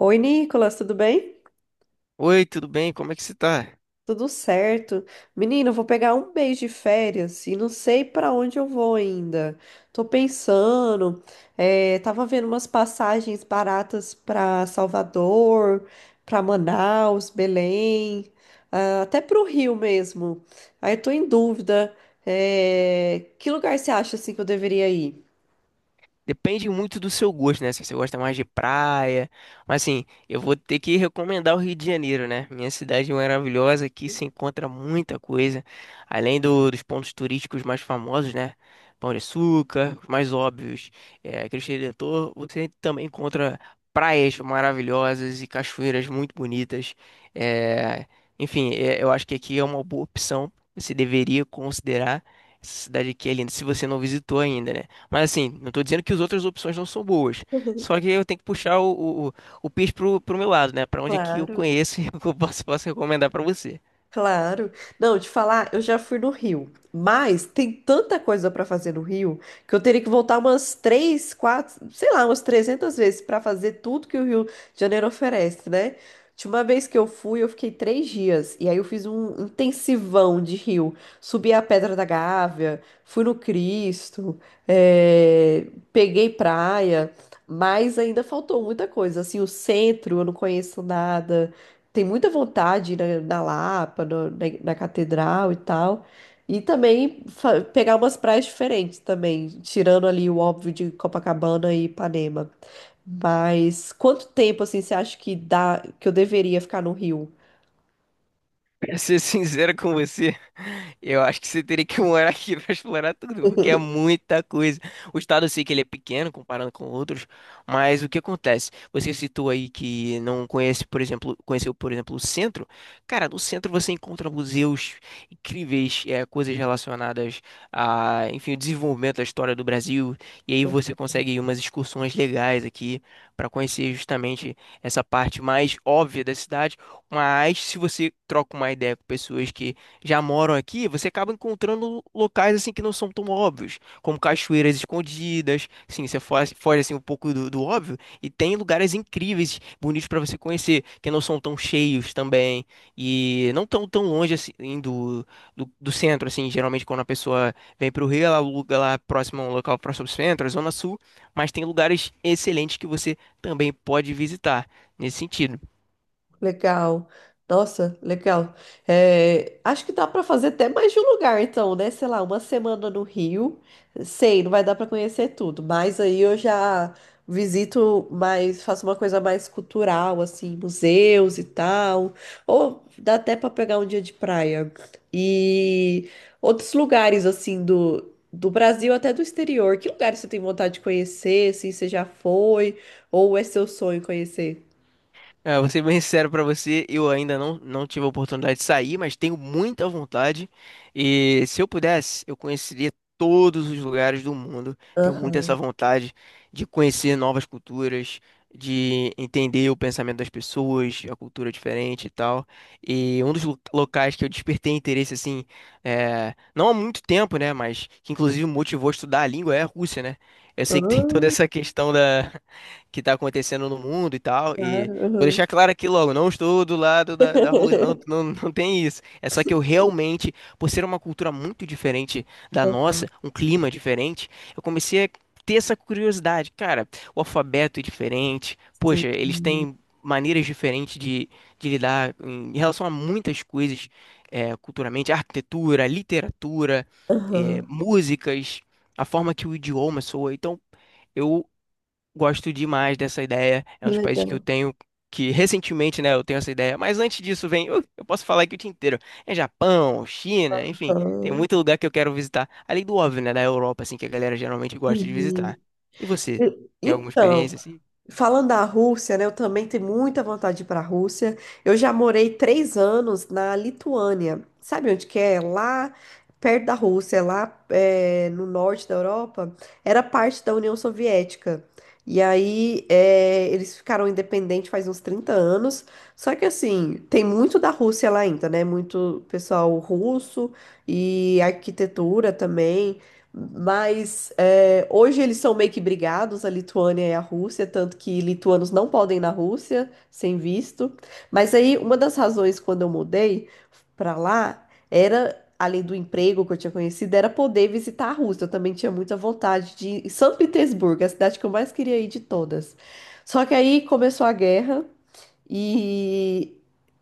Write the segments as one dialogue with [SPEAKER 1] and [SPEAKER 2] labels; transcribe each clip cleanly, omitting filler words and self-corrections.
[SPEAKER 1] Oi, Nicolas, tudo bem?
[SPEAKER 2] Oi, tudo bem? Como é que você tá?
[SPEAKER 1] Tudo certo. Menino, eu vou pegar um mês de férias e não sei pra onde eu vou ainda. Tô pensando, tava vendo umas passagens baratas pra Salvador, pra Manaus, Belém, ah, até pro Rio mesmo. Aí eu tô em dúvida, que lugar você acha assim que eu deveria ir?
[SPEAKER 2] Depende muito do seu gosto, né? Se você gosta mais de praia. Mas assim, eu vou ter que recomendar o Rio de Janeiro, né? Minha cidade maravilhosa, aqui se encontra muita coisa. Além dos pontos turísticos mais famosos, né? Pão de Açúcar, os mais óbvios, Cristo Redentor. Você também encontra praias maravilhosas e cachoeiras muito bonitas. É, enfim, eu acho que aqui é uma boa opção. Você deveria considerar essa cidade aqui é linda, se você não visitou ainda, né? Mas assim, não tô dizendo que as outras opções não são boas. Só que eu tenho que puxar o peixe pro meu lado, né? Pra onde é que eu
[SPEAKER 1] Claro.
[SPEAKER 2] conheço e o que eu posso recomendar pra você.
[SPEAKER 1] Claro. Não, te falar, eu já fui no Rio, mas tem tanta coisa para fazer no Rio que eu teria que voltar umas três, quatro, sei lá, umas 300 vezes para fazer tudo que o Rio de Janeiro oferece, né? De uma vez que eu fui, eu fiquei três dias e aí eu fiz um intensivão de Rio. Subi a Pedra da Gávea, fui no Cristo, eh, peguei praia, mas ainda faltou muita coisa. Assim, o centro eu não conheço nada, tem muita vontade na Lapa, na Catedral e tal. E também pegar umas praias diferentes também, tirando ali o óbvio de Copacabana e Ipanema. Mas quanto tempo assim você acha que dá que eu deveria ficar no Rio?
[SPEAKER 2] Pra ser sincero com você, eu acho que você teria que morar aqui pra explorar tudo, porque é muita coisa. O estado eu sei que ele é pequeno comparando com outros, mas o que acontece? Você citou aí que não conhece, por exemplo, conheceu, por exemplo, o centro. Cara, no centro você encontra museus incríveis, coisas relacionadas a, enfim, o desenvolvimento da história do Brasil, e aí você consegue umas excursões legais aqui para conhecer justamente essa parte mais óbvia da cidade, mas se você troca uma ideia com pessoas que já moram aqui, você acaba encontrando locais assim que não são tão óbvios, como cachoeiras escondidas. Sim, você foge, foge assim um pouco do óbvio e tem lugares incríveis, bonitos para você conhecer, que não são tão cheios também e não tão longe assim do centro assim. Geralmente quando a pessoa vem para o Rio, ela aluga lá próximo a um local próximo ao centro, a Zona Sul, mas tem lugares excelentes que você também pode visitar nesse sentido.
[SPEAKER 1] Legal. Nossa, legal. É, acho que dá para fazer até mais de um lugar, então, né? Sei lá, uma semana no Rio. Sei, não vai dar para conhecer tudo, mas aí eu já visito mais, faço uma coisa mais cultural, assim, museus e tal. Ou dá até para pegar um dia de praia. E outros lugares, assim, do Brasil até do exterior. Que lugares você tem vontade de conhecer, assim, você já foi? Ou é seu sonho conhecer?
[SPEAKER 2] Vou ser bem sincero pra você, eu ainda não tive a oportunidade de sair, mas tenho muita vontade. E se eu pudesse, eu conheceria todos os lugares do mundo. Tenho muito essa
[SPEAKER 1] Aham.
[SPEAKER 2] vontade de conhecer novas culturas, de entender o pensamento das pessoas, a cultura diferente e tal. E um dos locais que eu despertei interesse, assim, não há muito tempo, né, mas que inclusive me motivou a estudar a língua é a Rússia, né? Eu sei que tem toda
[SPEAKER 1] Ah,
[SPEAKER 2] essa questão que está acontecendo no mundo e tal.
[SPEAKER 1] claro.
[SPEAKER 2] Vou
[SPEAKER 1] Aham.
[SPEAKER 2] deixar claro aqui logo, não estou do lado da Rússia, não, não, não tem isso. É só que eu realmente, por ser uma cultura muito diferente da
[SPEAKER 1] Ah,
[SPEAKER 2] nossa, um clima diferente, eu comecei a ter essa curiosidade. Cara, o alfabeto é diferente, poxa, eles
[SPEAKER 1] sim.
[SPEAKER 2] têm maneiras diferentes de lidar em relação a muitas coisas, culturalmente, arquitetura, literatura,
[SPEAKER 1] Aham.
[SPEAKER 2] músicas, a forma que o idioma soa. Então, eu gosto demais dessa ideia. É um
[SPEAKER 1] Que
[SPEAKER 2] dos países que eu
[SPEAKER 1] legal.
[SPEAKER 2] tenho, que recentemente, né, eu tenho essa ideia. Mas antes disso, vem, eu posso falar aqui o dia inteiro. É Japão, China, enfim, tem
[SPEAKER 1] Aham.
[SPEAKER 2] muito lugar que eu quero visitar. Além do óbvio, né, da Europa, assim, que a galera geralmente gosta de
[SPEAKER 1] Sim.
[SPEAKER 2] visitar. E você, tem alguma
[SPEAKER 1] Então,
[SPEAKER 2] experiência assim?
[SPEAKER 1] falando da Rússia, né? Eu também tenho muita vontade de ir para a Rússia. Eu já morei três anos na Lituânia. Sabe onde que é? Lá perto da Rússia, lá é, no norte da Europa, era parte da União Soviética. E aí é, eles ficaram independentes faz uns 30 anos. Só que assim, tem muito da Rússia lá ainda, né? Muito pessoal russo e arquitetura também. Mas é, hoje eles são meio que brigados, a Lituânia e a Rússia, tanto que lituanos não podem ir na Rússia sem visto. Mas aí, uma das razões quando eu mudei para lá era, além do emprego que eu tinha conhecido, era poder visitar a Rússia. Eu também tinha muita vontade de ir em São Petersburgo, a cidade que eu mais queria ir de todas. Só que aí começou a guerra e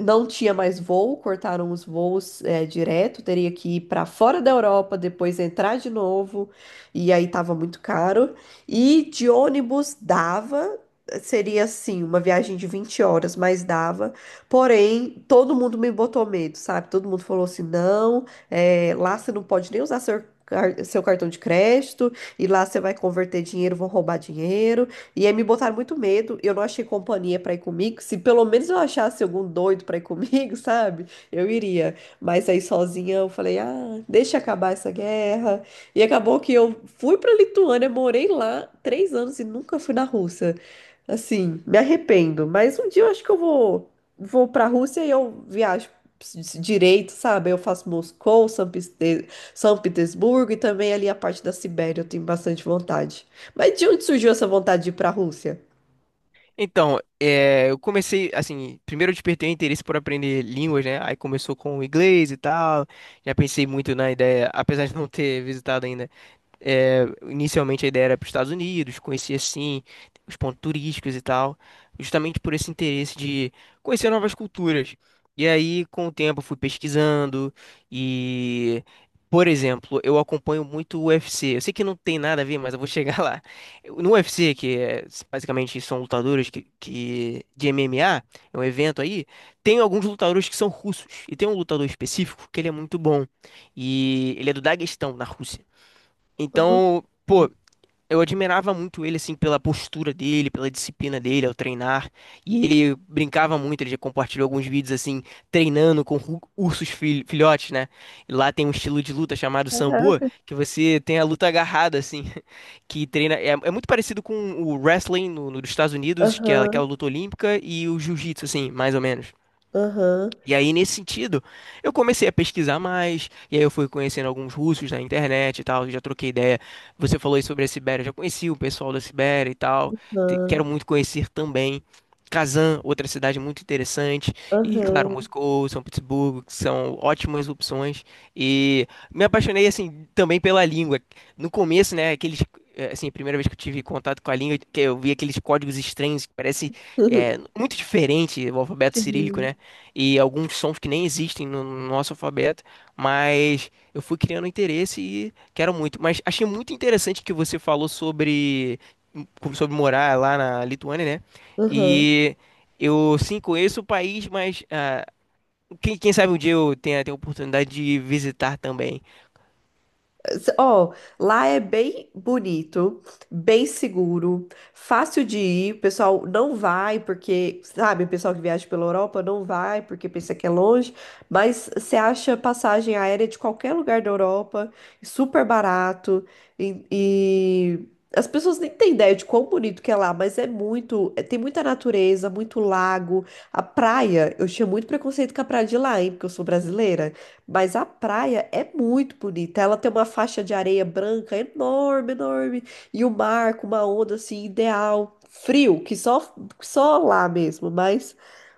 [SPEAKER 1] não tinha mais voo, cortaram os voos é, direto, teria que ir para fora da Europa, depois entrar de novo, e aí tava muito caro. E de ônibus dava, seria assim, uma viagem de 20 horas, mas dava. Porém, todo mundo me botou medo, sabe? Todo mundo falou assim: não, é, lá você não pode nem usar seu cartão de crédito, e lá você vai converter dinheiro, vão roubar dinheiro. E aí me botaram muito medo, eu não achei companhia pra ir comigo. Se pelo menos eu achasse algum doido pra ir comigo, sabe? Eu iria. Mas aí sozinha eu falei, ah, deixa acabar essa guerra. E acabou que eu fui pra Lituânia, morei lá três anos e nunca fui na Rússia. Assim, me arrependo. Mas um dia eu acho que eu vou, vou pra Rússia e eu viajo direito, sabe? Eu faço Moscou, São Petersburgo e também ali a parte da Sibéria, eu tenho bastante vontade. Mas de onde surgiu essa vontade de ir para a Rússia?
[SPEAKER 2] Então, eu comecei, assim, primeiro eu despertei o interesse por aprender línguas, né? Aí começou com o inglês e tal. Já pensei muito na ideia, apesar de não ter visitado ainda. É, inicialmente a ideia era para os Estados Unidos, conhecer assim os pontos turísticos e tal, justamente por esse interesse de conhecer novas culturas. E aí, com o tempo, eu fui pesquisando e, por exemplo, eu acompanho muito o UFC. Eu sei que não tem nada a ver, mas eu vou chegar lá. No UFC, que é, basicamente são lutadores de MMA, é um evento aí, tem alguns lutadores que são russos. E tem um lutador específico que ele é muito bom. E ele é do Daguestão, na Rússia.
[SPEAKER 1] Hum,
[SPEAKER 2] Então,
[SPEAKER 1] hum.
[SPEAKER 2] pô, eu admirava muito ele, assim, pela postura dele, pela disciplina dele ao treinar. E ele brincava muito, ele já compartilhou alguns vídeos, assim, treinando com ursos filhotes, né? E lá tem um estilo de luta chamado Sambo,
[SPEAKER 1] Caraca.
[SPEAKER 2] que você tem a luta agarrada, assim, que treina. É, é muito parecido com o wrestling dos Estados Unidos, que é
[SPEAKER 1] Aham,
[SPEAKER 2] aquela luta olímpica, e o jiu-jitsu, assim, mais ou menos.
[SPEAKER 1] aham,
[SPEAKER 2] E aí, nesse sentido, eu comecei a pesquisar mais, e aí eu fui conhecendo alguns russos na internet e tal, já troquei ideia. Você falou aí sobre a Sibéria, eu já conheci o pessoal da Sibéria e tal,
[SPEAKER 1] aham,
[SPEAKER 2] quero muito conhecer também. Kazan, outra cidade muito interessante, e claro,
[SPEAKER 1] aham.
[SPEAKER 2] Moscou, São Petersburgo, que são ótimas opções. E me apaixonei, assim, também pela língua. No começo, né, aqueles, assim, a primeira vez que eu tive contato com a língua, que eu vi aqueles códigos estranhos, que parece, muito diferente o alfabeto cirílico,
[SPEAKER 1] Sim,
[SPEAKER 2] né? E alguns sons que nem existem no nosso alfabeto, mas eu fui criando interesse e quero muito. Mas achei muito interessante que você falou sobre morar lá na Lituânia, né?
[SPEAKER 1] aham.
[SPEAKER 2] E eu sim conheço o país, mas ah, quem sabe um dia eu tenha a oportunidade de visitar também.
[SPEAKER 1] Ó, lá é bem bonito, bem seguro, fácil de ir. O pessoal não vai porque, sabe, o pessoal que viaja pela Europa não vai porque pensa que é longe, mas você acha passagem aérea de qualquer lugar da Europa, super barato e as pessoas nem têm ideia de quão bonito que é lá, mas é muito, tem muita natureza, muito lago, a praia. Eu tinha muito preconceito com a praia de lá, hein, porque eu sou brasileira. Mas a praia é muito bonita. Ela tem uma faixa de areia branca enorme, enorme. E o mar com uma onda assim ideal. Frio, que só, só lá mesmo, mas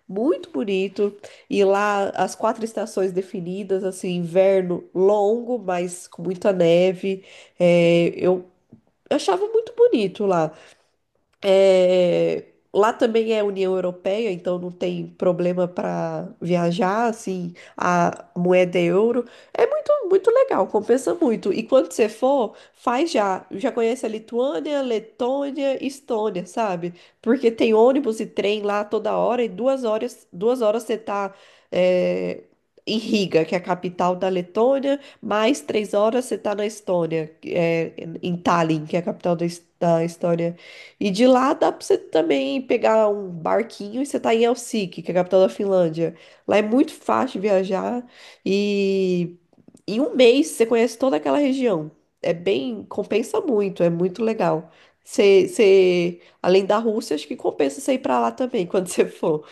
[SPEAKER 1] muito bonito. E lá as quatro estações definidas, assim, inverno longo, mas com muita neve. É, eu achava muito bonito lá. É, lá também é União Europeia, então não tem problema para viajar, assim, a moeda é euro. É muito, muito legal, compensa muito. E quando você for, faz já. Já conhece a Lituânia, Letônia, Estônia, sabe? Porque tem ônibus e trem lá toda hora, e duas horas você tá, é, em Riga, que é a capital da Letônia, mais três horas você tá na Estônia, é, em Tallinn, que é a capital da, da Estônia. E de lá dá pra você também pegar um barquinho e você tá em Helsinki, que é a capital da Finlândia. Lá é muito fácil viajar e em um mês você conhece toda aquela região. É bem, compensa muito, é muito legal. Você, você, além da Rússia, acho que compensa você ir pra lá também quando você for.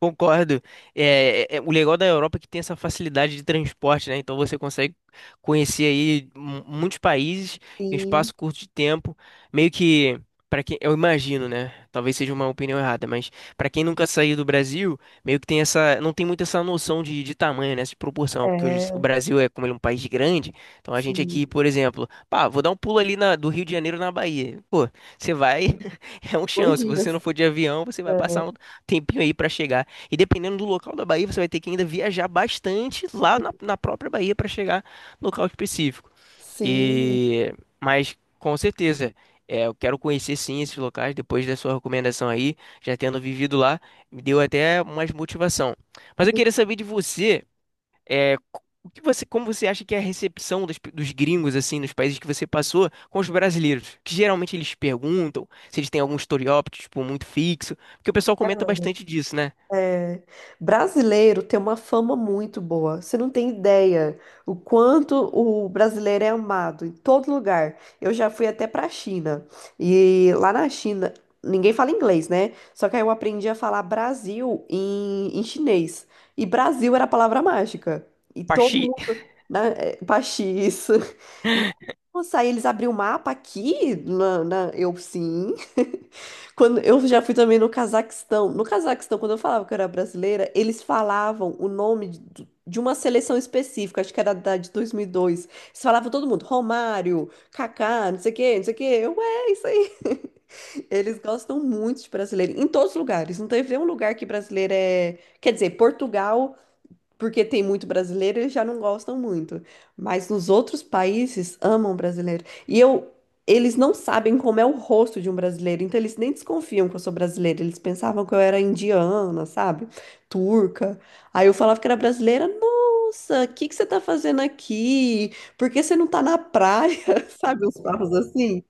[SPEAKER 2] Concordo. É, o legal da Europa é que tem essa facilidade de transporte, né? Então você consegue conhecer aí muitos países em um
[SPEAKER 1] Sim,
[SPEAKER 2] espaço curto de tempo. Meio que, para quem, eu imagino, né? Talvez seja uma opinião errada, mas para quem nunca saiu do Brasil, meio que tem essa, não tem muito essa noção de tamanho, né? De proporção, porque hoje o
[SPEAKER 1] é,
[SPEAKER 2] Brasil é como ele é um país grande. Então a gente
[SPEAKER 1] sim.
[SPEAKER 2] aqui, por exemplo, pá, vou dar um pulo ali do Rio de Janeiro na Bahia. Pô, você vai, é um
[SPEAKER 1] Dois
[SPEAKER 2] chão. Se você
[SPEAKER 1] dias.
[SPEAKER 2] não for de avião, você vai
[SPEAKER 1] É,
[SPEAKER 2] passar um tempinho aí para chegar. E dependendo do local da Bahia, você vai ter que ainda viajar bastante lá na própria Bahia para chegar no local específico.
[SPEAKER 1] sim.
[SPEAKER 2] E mas com certeza, eu quero conhecer sim esses locais depois da sua recomendação aí, já tendo vivido lá, me deu até mais motivação. Mas eu queria saber de você, o que você, como você acha que é a recepção dos gringos assim nos países que você passou com os brasileiros? Que geralmente eles perguntam se eles têm algum estereótipo tipo, muito fixo, porque o pessoal comenta bastante disso, né?
[SPEAKER 1] É, brasileiro tem uma fama muito boa. Você não tem ideia o quanto o brasileiro é amado em todo lugar. Eu já fui até para a China e lá na China ninguém fala inglês, né? Só que aí eu aprendi a falar Brasil em, em chinês e Brasil era a palavra mágica e todo
[SPEAKER 2] Paxi.
[SPEAKER 1] mundo, né, é, Paxi, isso. Nossa, aí eles abriram o mapa aqui na, eu sim. Quando eu já fui também no Cazaquistão. No Cazaquistão, quando eu falava que eu era brasileira, eles falavam o nome de uma seleção específica, acho que era da de 2002. Eles falavam todo mundo, Romário, Kaká, não sei o quê, não sei o quê. Eu, é isso aí. Eles gostam muito de brasileiro, em todos os lugares. Não teve nenhum lugar que brasileiro é. Quer dizer, Portugal porque tem muito brasileiro, eles já não gostam muito. Mas nos outros países amam brasileiro. E eu, eles não sabem como é o rosto de um brasileiro, então eles nem desconfiam que eu sou brasileira. Eles pensavam que eu era indiana, sabe? Turca. Aí eu falava que era brasileira. Nossa, o que que você tá fazendo aqui? Por que você não tá na praia? Sabe, uns papos assim.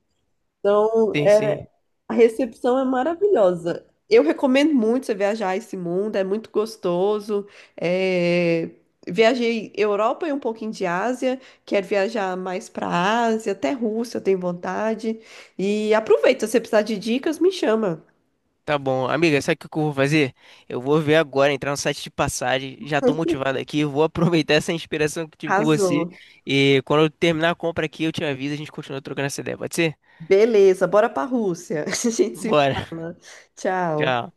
[SPEAKER 1] Então,
[SPEAKER 2] Sim, sim.
[SPEAKER 1] a recepção é maravilhosa. Eu recomendo muito você viajar esse mundo, é muito gostoso. É, viajei Europa e um pouquinho de Ásia, quero viajar mais para Ásia, até Rússia, eu tenho vontade. E aproveita, se você precisar de dicas, me chama.
[SPEAKER 2] Tá bom. Amiga, sabe o que que eu vou fazer? Eu vou ver agora, entrar no site de passagem. Já tô motivado aqui. Vou aproveitar essa inspiração que eu tive com você.
[SPEAKER 1] Arrasou.
[SPEAKER 2] E quando eu terminar a compra aqui, eu te aviso. A gente continua trocando essa ideia. Pode ser?
[SPEAKER 1] Beleza, bora para Rússia. A gente se
[SPEAKER 2] Bora.
[SPEAKER 1] fala. Tchau.
[SPEAKER 2] Tchau.